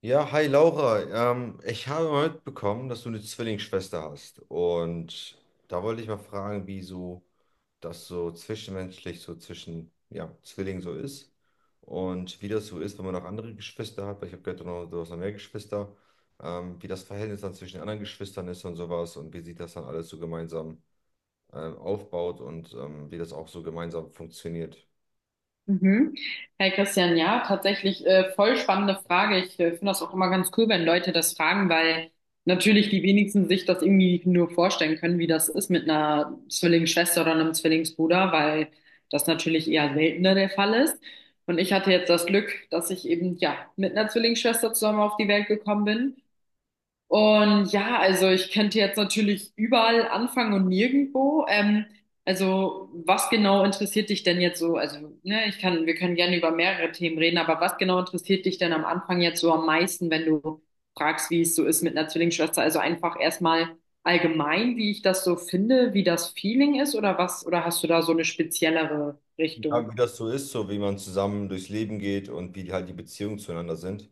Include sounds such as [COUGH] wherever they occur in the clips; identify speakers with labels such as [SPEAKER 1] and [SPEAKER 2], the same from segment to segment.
[SPEAKER 1] Ja, hi Laura. Ich habe mal mitbekommen, dass du eine Zwillingsschwester hast. Und da wollte ich mal fragen, wie so das so zwischenmenschlich, so zwischen ja, Zwillingen so ist. Und wie das so ist, wenn man noch andere Geschwister hat. Weil ich habe gehört, du, du hast noch mehr Geschwister. Wie das Verhältnis dann zwischen den anderen Geschwistern ist und sowas. Und wie sich das dann alles so gemeinsam aufbaut und wie das auch so gemeinsam funktioniert.
[SPEAKER 2] Mhm. Hey Christian, ja, tatsächlich voll spannende Frage. Ich finde das auch immer ganz cool, wenn Leute das fragen, weil natürlich die wenigsten sich das irgendwie nur vorstellen können, wie das ist mit einer Zwillingsschwester oder einem Zwillingsbruder, weil das natürlich eher seltener der Fall ist. Und ich hatte jetzt das Glück, dass ich eben ja mit einer Zwillingsschwester zusammen auf die Welt gekommen bin. Und ja, also ich könnte jetzt natürlich überall anfangen und nirgendwo. Also was genau interessiert dich denn jetzt so? Also ne, ich kann, wir können gerne über mehrere Themen reden, aber was genau interessiert dich denn am Anfang jetzt so am meisten, wenn du fragst, wie es so ist mit einer Zwillingsschwester? Also einfach erstmal allgemein, wie ich das so finde, wie das Feeling ist oder was? Oder hast du da so eine speziellere
[SPEAKER 1] Ja,
[SPEAKER 2] Richtung?
[SPEAKER 1] wie das so ist, so wie man zusammen durchs Leben geht und wie die halt die Beziehungen zueinander sind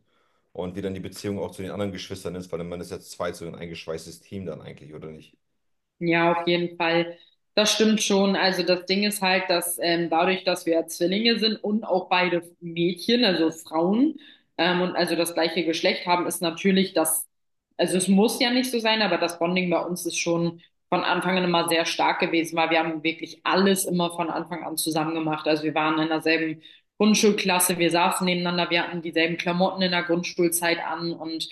[SPEAKER 1] und wie dann die Beziehung auch zu den anderen Geschwistern ist, weil man ist ja zu zweit so ein eingeschweißtes Team dann eigentlich, oder nicht?
[SPEAKER 2] Ja, auf jeden Fall. Das stimmt schon. Also das Ding ist halt, dass dadurch, dass wir ja Zwillinge sind und auch beide Mädchen, also Frauen, und also das gleiche Geschlecht haben, ist natürlich das, also es muss ja nicht so sein, aber das Bonding bei uns ist schon von Anfang an immer sehr stark gewesen, weil wir haben wirklich alles immer von Anfang an zusammen gemacht. Also wir waren in derselben Grundschulklasse, wir saßen nebeneinander, wir hatten dieselben Klamotten in der Grundschulzeit an und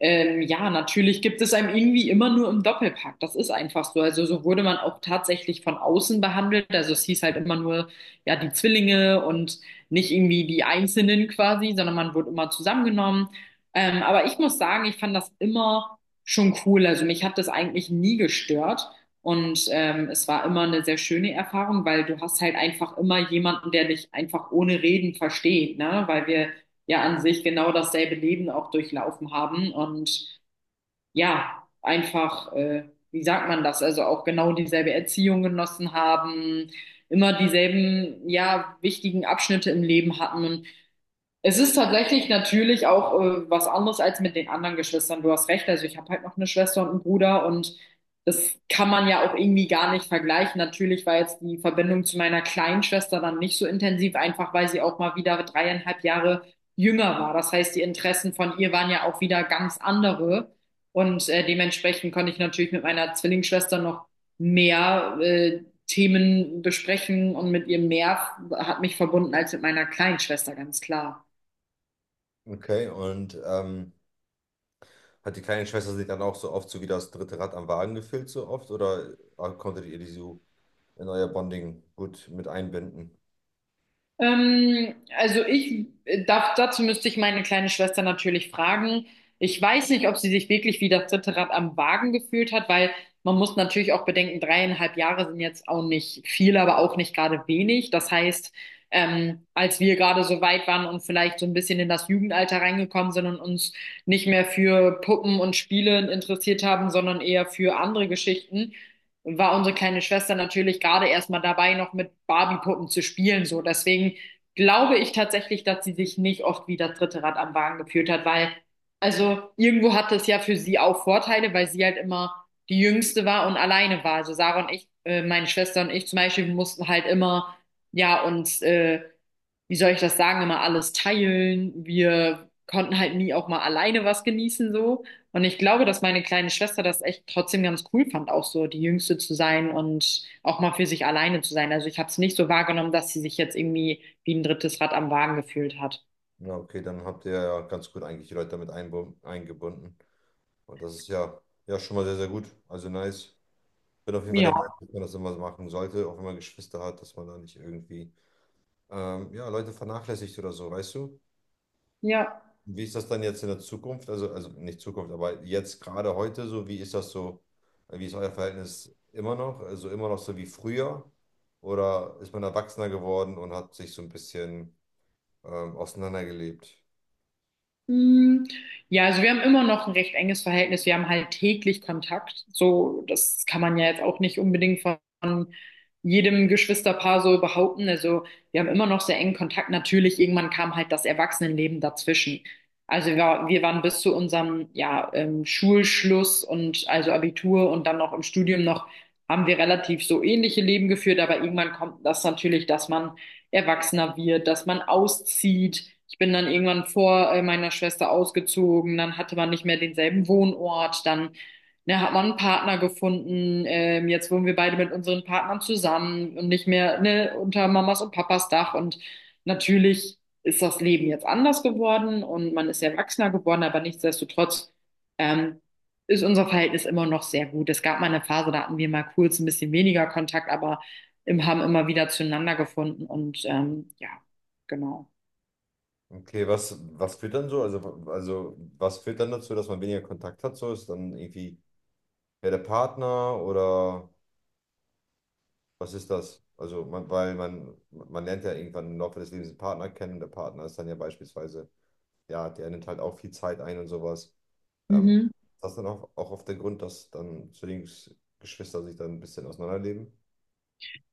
[SPEAKER 2] ja, natürlich gibt es einem irgendwie immer nur im Doppelpack. Das ist einfach so. Also so wurde man auch tatsächlich von außen behandelt. Also es hieß halt immer nur, ja, die Zwillinge und nicht irgendwie die Einzelnen quasi, sondern man wurde immer zusammengenommen. Aber ich muss sagen, ich fand das immer schon cool. Also mich hat das eigentlich nie gestört. Und es war immer eine sehr schöne Erfahrung, weil du hast halt einfach immer jemanden, der dich einfach ohne Reden versteht, ne? Weil wir ja an sich genau dasselbe Leben auch durchlaufen haben und ja, einfach, wie sagt man das, also auch genau dieselbe Erziehung genossen haben, immer dieselben, ja, wichtigen Abschnitte im Leben hatten und es ist tatsächlich natürlich auch was anderes als mit den anderen Geschwistern. Du hast recht, also ich habe halt noch eine Schwester und einen Bruder und das kann man ja auch irgendwie gar nicht vergleichen. Natürlich war jetzt die Verbindung zu meiner kleinen Schwester dann nicht so intensiv, einfach weil sie auch mal wieder dreieinhalb Jahre jünger war. Das heißt, die Interessen von ihr waren ja auch wieder ganz andere und dementsprechend konnte ich natürlich mit meiner Zwillingsschwester noch mehr Themen besprechen und mit ihr mehr hat mich verbunden als mit meiner kleinen Schwester, ganz klar.
[SPEAKER 1] Okay, und hat die kleine Schwester sich dann auch so oft so wie das dritte Rad am Wagen gefühlt, so oft, oder ah, konntet ihr die so in euer Bonding gut mit einbinden?
[SPEAKER 2] Also dazu müsste ich meine kleine Schwester natürlich fragen. Ich weiß nicht, ob sie sich wirklich wie das dritte Rad am Wagen gefühlt hat, weil man muss natürlich auch bedenken, dreieinhalb Jahre sind jetzt auch nicht viel, aber auch nicht gerade wenig. Das heißt, als wir gerade so weit waren und vielleicht so ein bisschen in das Jugendalter reingekommen sind und uns nicht mehr für Puppen und Spiele interessiert haben, sondern eher für andere Geschichten, war unsere kleine Schwester natürlich gerade erstmal dabei, noch mit Barbie-Puppen zu spielen. So, deswegen glaube ich tatsächlich, dass sie sich nicht oft wie das dritte Rad am Wagen gefühlt hat, weil also irgendwo hatte es ja für sie auch Vorteile, weil sie halt immer die Jüngste war und alleine war. Also Sarah und ich, meine Schwester und ich zum Beispiel, wir mussten halt immer, ja, uns, wie soll ich das sagen, immer alles teilen. Wir konnten halt nie auch mal alleine was genießen so. Und ich glaube, dass meine kleine Schwester das echt trotzdem ganz cool fand, auch so die Jüngste zu sein und auch mal für sich alleine zu sein. Also ich habe es nicht so wahrgenommen, dass sie sich jetzt irgendwie wie ein drittes Rad am Wagen gefühlt hat.
[SPEAKER 1] Ja, okay, dann habt ihr ja ganz gut eigentlich die Leute damit eingebunden und das ist ja, ja schon mal sehr, sehr gut, also nice. Bin auf jeden Fall der
[SPEAKER 2] Ja,
[SPEAKER 1] Meinung, dass man das immer so machen sollte, auch wenn man Geschwister hat, dass man da nicht irgendwie ja, Leute vernachlässigt oder so, weißt du?
[SPEAKER 2] ja.
[SPEAKER 1] Wie ist das dann jetzt in der Zukunft? Also nicht Zukunft, aber jetzt gerade heute so, wie ist das so? Wie ist euer Verhältnis immer noch? Also immer noch so wie früher? Oder ist man erwachsener geworden und hat sich so ein bisschen auseinandergelebt?
[SPEAKER 2] Mm, ja, also wir haben immer noch ein recht enges Verhältnis. Wir haben halt täglich Kontakt. So, das kann man ja jetzt auch nicht unbedingt von jedem Geschwisterpaar so behaupten. Also wir haben immer noch sehr engen Kontakt. Natürlich, irgendwann kam halt das Erwachsenenleben dazwischen. Also wir waren bis zu unserem ja, Schulschluss und also Abitur und dann noch im Studium noch, haben wir relativ so ähnliche Leben geführt. Aber irgendwann kommt das natürlich, dass man erwachsener wird, dass man auszieht. Ich bin dann irgendwann vor meiner Schwester ausgezogen, dann hatte man nicht mehr denselben Wohnort, dann ne, hat man einen Partner gefunden. Jetzt wohnen wir beide mit unseren Partnern zusammen und nicht mehr ne, unter Mamas und Papas Dach. Und natürlich ist das Leben jetzt anders geworden und man ist erwachsener geworden, aber nichtsdestotrotz ähm, ist unser Verhältnis immer noch sehr gut. Es gab mal eine Phase, da hatten wir mal kurz ein bisschen weniger Kontakt, aber im, haben immer wieder zueinander gefunden und ja, genau.
[SPEAKER 1] Okay, was, was führt dann so? Also, also was führt dann dazu, dass man weniger Kontakt hat? So ist dann irgendwie ja, der Partner oder was ist das? Also, man, weil man lernt ja irgendwann im Laufe des Lebens einen Partner kennen und der Partner ist dann ja beispielsweise, ja, der nimmt halt auch viel Zeit ein und sowas. Ist
[SPEAKER 2] Mhm.
[SPEAKER 1] das dann auch, auch auf der Grund, dass dann Zwillingsgeschwister sich dann ein bisschen auseinanderleben?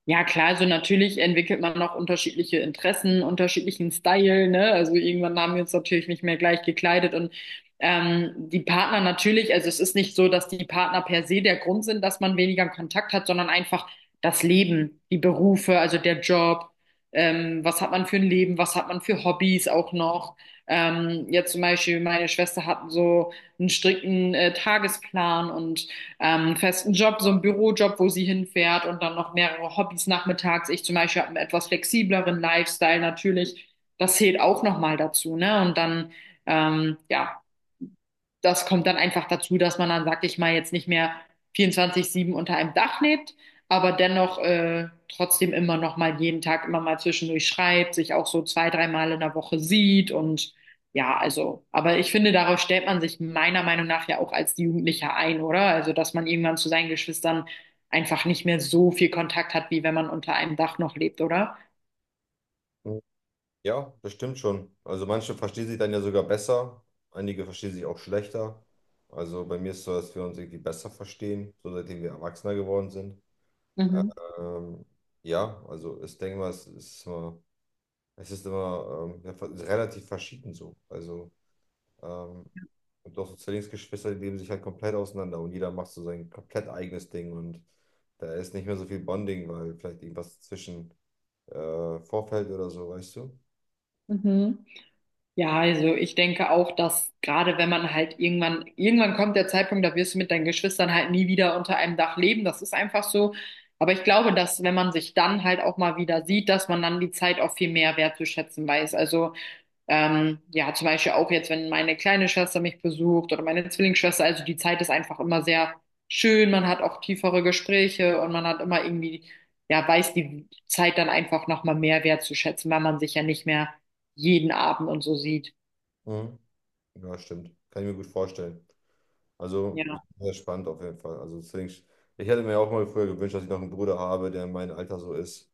[SPEAKER 2] Ja, klar, also natürlich entwickelt man noch unterschiedliche Interessen, unterschiedlichen Style, ne? Also irgendwann haben wir uns natürlich nicht mehr gleich gekleidet und die Partner natürlich, also es ist nicht so, dass die Partner per se der Grund sind, dass man weniger Kontakt hat, sondern einfach das Leben, die Berufe, also der Job, was hat man für ein Leben, was hat man für Hobbys auch noch. Jetzt zum Beispiel, meine Schwester hat so einen strikten Tagesplan und festen Job, so einen Bürojob, wo sie hinfährt und dann noch mehrere Hobbys nachmittags. Ich zum Beispiel habe einen etwas flexibleren Lifestyle natürlich. Das zählt auch nochmal dazu, ne? Und dann, ja, das kommt dann einfach dazu, dass man dann, sag ich mal, jetzt nicht mehr 24/7 unter einem Dach lebt, aber dennoch trotzdem immer noch mal jeden Tag immer mal zwischendurch schreibt, sich auch so zwei, dreimal in der Woche sieht und ja, also, aber ich finde, darauf stellt man sich meiner Meinung nach ja auch als Jugendlicher ein, oder? Also, dass man irgendwann zu seinen Geschwistern einfach nicht mehr so viel Kontakt hat, wie wenn man unter einem Dach noch lebt, oder?
[SPEAKER 1] Mhm. Ja, das stimmt schon. Also manche verstehen sich dann ja sogar besser, einige verstehen sich auch schlechter. Also bei mir ist es so, dass wir uns irgendwie besser verstehen, so seitdem wir Erwachsener geworden sind.
[SPEAKER 2] Mhm.
[SPEAKER 1] Ähm, ja, also ich denke mal, es ist immer es ist immer ja, relativ verschieden so. Also, ähm, und auch so Zwillingsgeschwister, die leben sich halt komplett auseinander und jeder macht so sein komplett eigenes Ding und da ist nicht mehr so viel Bonding, weil vielleicht irgendwas zwischen vorfällt oder so, weißt du?
[SPEAKER 2] Mhm. Ja, also ich denke auch, dass gerade wenn man halt irgendwann kommt der Zeitpunkt, da wirst du mit deinen Geschwistern halt nie wieder unter einem Dach leben. Das ist einfach so. Aber ich glaube, dass wenn man sich dann halt auch mal wieder sieht, dass man dann die Zeit auch viel mehr wertzuschätzen weiß. Also ja, zum Beispiel auch jetzt, wenn meine kleine Schwester mich besucht oder meine Zwillingsschwester, also die Zeit ist einfach immer sehr schön. Man hat auch tiefere Gespräche und man hat immer irgendwie, ja, weiß die Zeit dann einfach nochmal mehr wertzuschätzen, weil man sich ja nicht mehr jeden Abend und so sieht.
[SPEAKER 1] Mhm. Ja, stimmt. Kann ich mir gut vorstellen. Also,
[SPEAKER 2] Ja.
[SPEAKER 1] sehr spannend auf jeden Fall. Also, Zwillings ich hätte mir auch mal früher gewünscht, dass ich noch einen Bruder habe, der in meinem Alter so ist.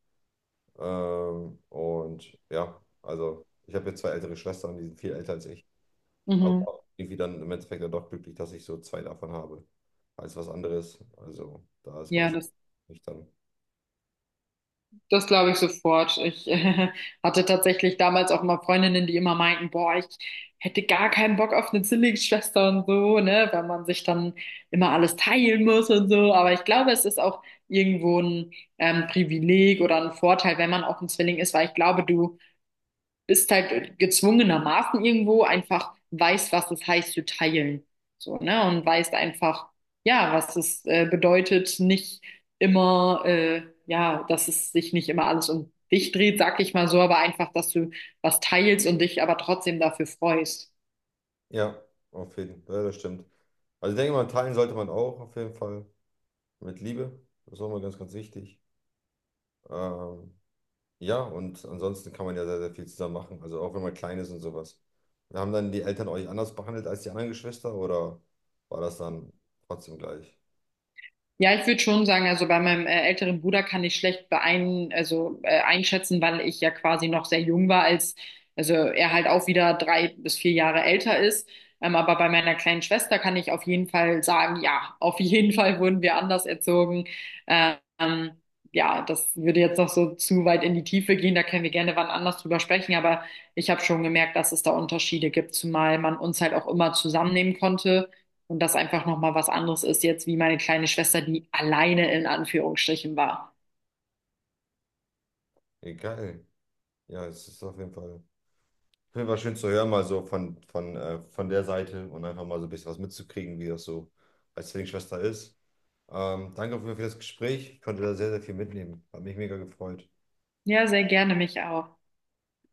[SPEAKER 1] Und ja, also, ich habe jetzt zwei ältere Schwestern, die sind viel älter als ich. Aber
[SPEAKER 2] Mhm.
[SPEAKER 1] irgendwie dann im Endeffekt dann doch glücklich, dass ich so zwei davon habe, als was anderes. Also da ist man
[SPEAKER 2] Ja,
[SPEAKER 1] schon nicht dann.
[SPEAKER 2] das glaube ich sofort. Ich [LAUGHS] hatte tatsächlich damals auch immer Freundinnen, die immer meinten, boah, ich hätte gar keinen Bock auf eine Zwillingsschwester und so, ne, weil man sich dann immer alles teilen muss und so. Aber ich glaube, es ist auch irgendwo ein Privileg oder ein Vorteil, wenn man auch ein Zwilling ist, weil ich glaube, du bist halt gezwungenermaßen irgendwo einfach weißt, was es heißt zu teilen. So, ne? Und weißt einfach, ja, was es bedeutet, nicht immer, ja, dass es sich nicht immer alles um dich dreht, sag ich mal so, aber einfach, dass du was teilst und dich aber trotzdem dafür freust.
[SPEAKER 1] Ja, auf jeden Fall, ja, das stimmt. Also ich denke mal, teilen sollte man auch auf jeden Fall mit Liebe. Das ist auch mal ganz, ganz wichtig. Ähm, ja, und ansonsten kann man ja sehr, sehr viel zusammen machen. Also auch wenn man klein ist und sowas. Haben dann die Eltern euch anders behandelt als die anderen Geschwister oder war das dann trotzdem gleich?
[SPEAKER 2] Ja, ich würde schon sagen, also bei meinem älteren Bruder kann ich schlecht einschätzen, weil ich ja quasi noch sehr jung war, also er halt auch wieder 3 bis 4 Jahre älter ist. Aber bei meiner kleinen Schwester kann ich auf jeden Fall sagen, ja, auf jeden [LAUGHS] Fall wurden wir anders erzogen. Ähm, ja, das würde jetzt noch so zu weit in die Tiefe gehen, da können wir gerne wann anders drüber sprechen, aber ich habe schon gemerkt, dass es da Unterschiede gibt, zumal man uns halt auch immer zusammennehmen konnte. Und das einfach nochmal was anderes ist jetzt, wie meine kleine Schwester, die alleine in Anführungsstrichen war.
[SPEAKER 1] Egal. Ja, es ist auf jeden Fall. Finde war schön zu hören, mal so von, von der Seite und einfach mal so ein bisschen was mitzukriegen, wie das so als Zwillingsschwester ist. Danke auf jeden Fall für das Gespräch. Ich konnte da sehr, sehr viel mitnehmen. Hat mich mega gefreut.
[SPEAKER 2] Ja, sehr gerne mich auch.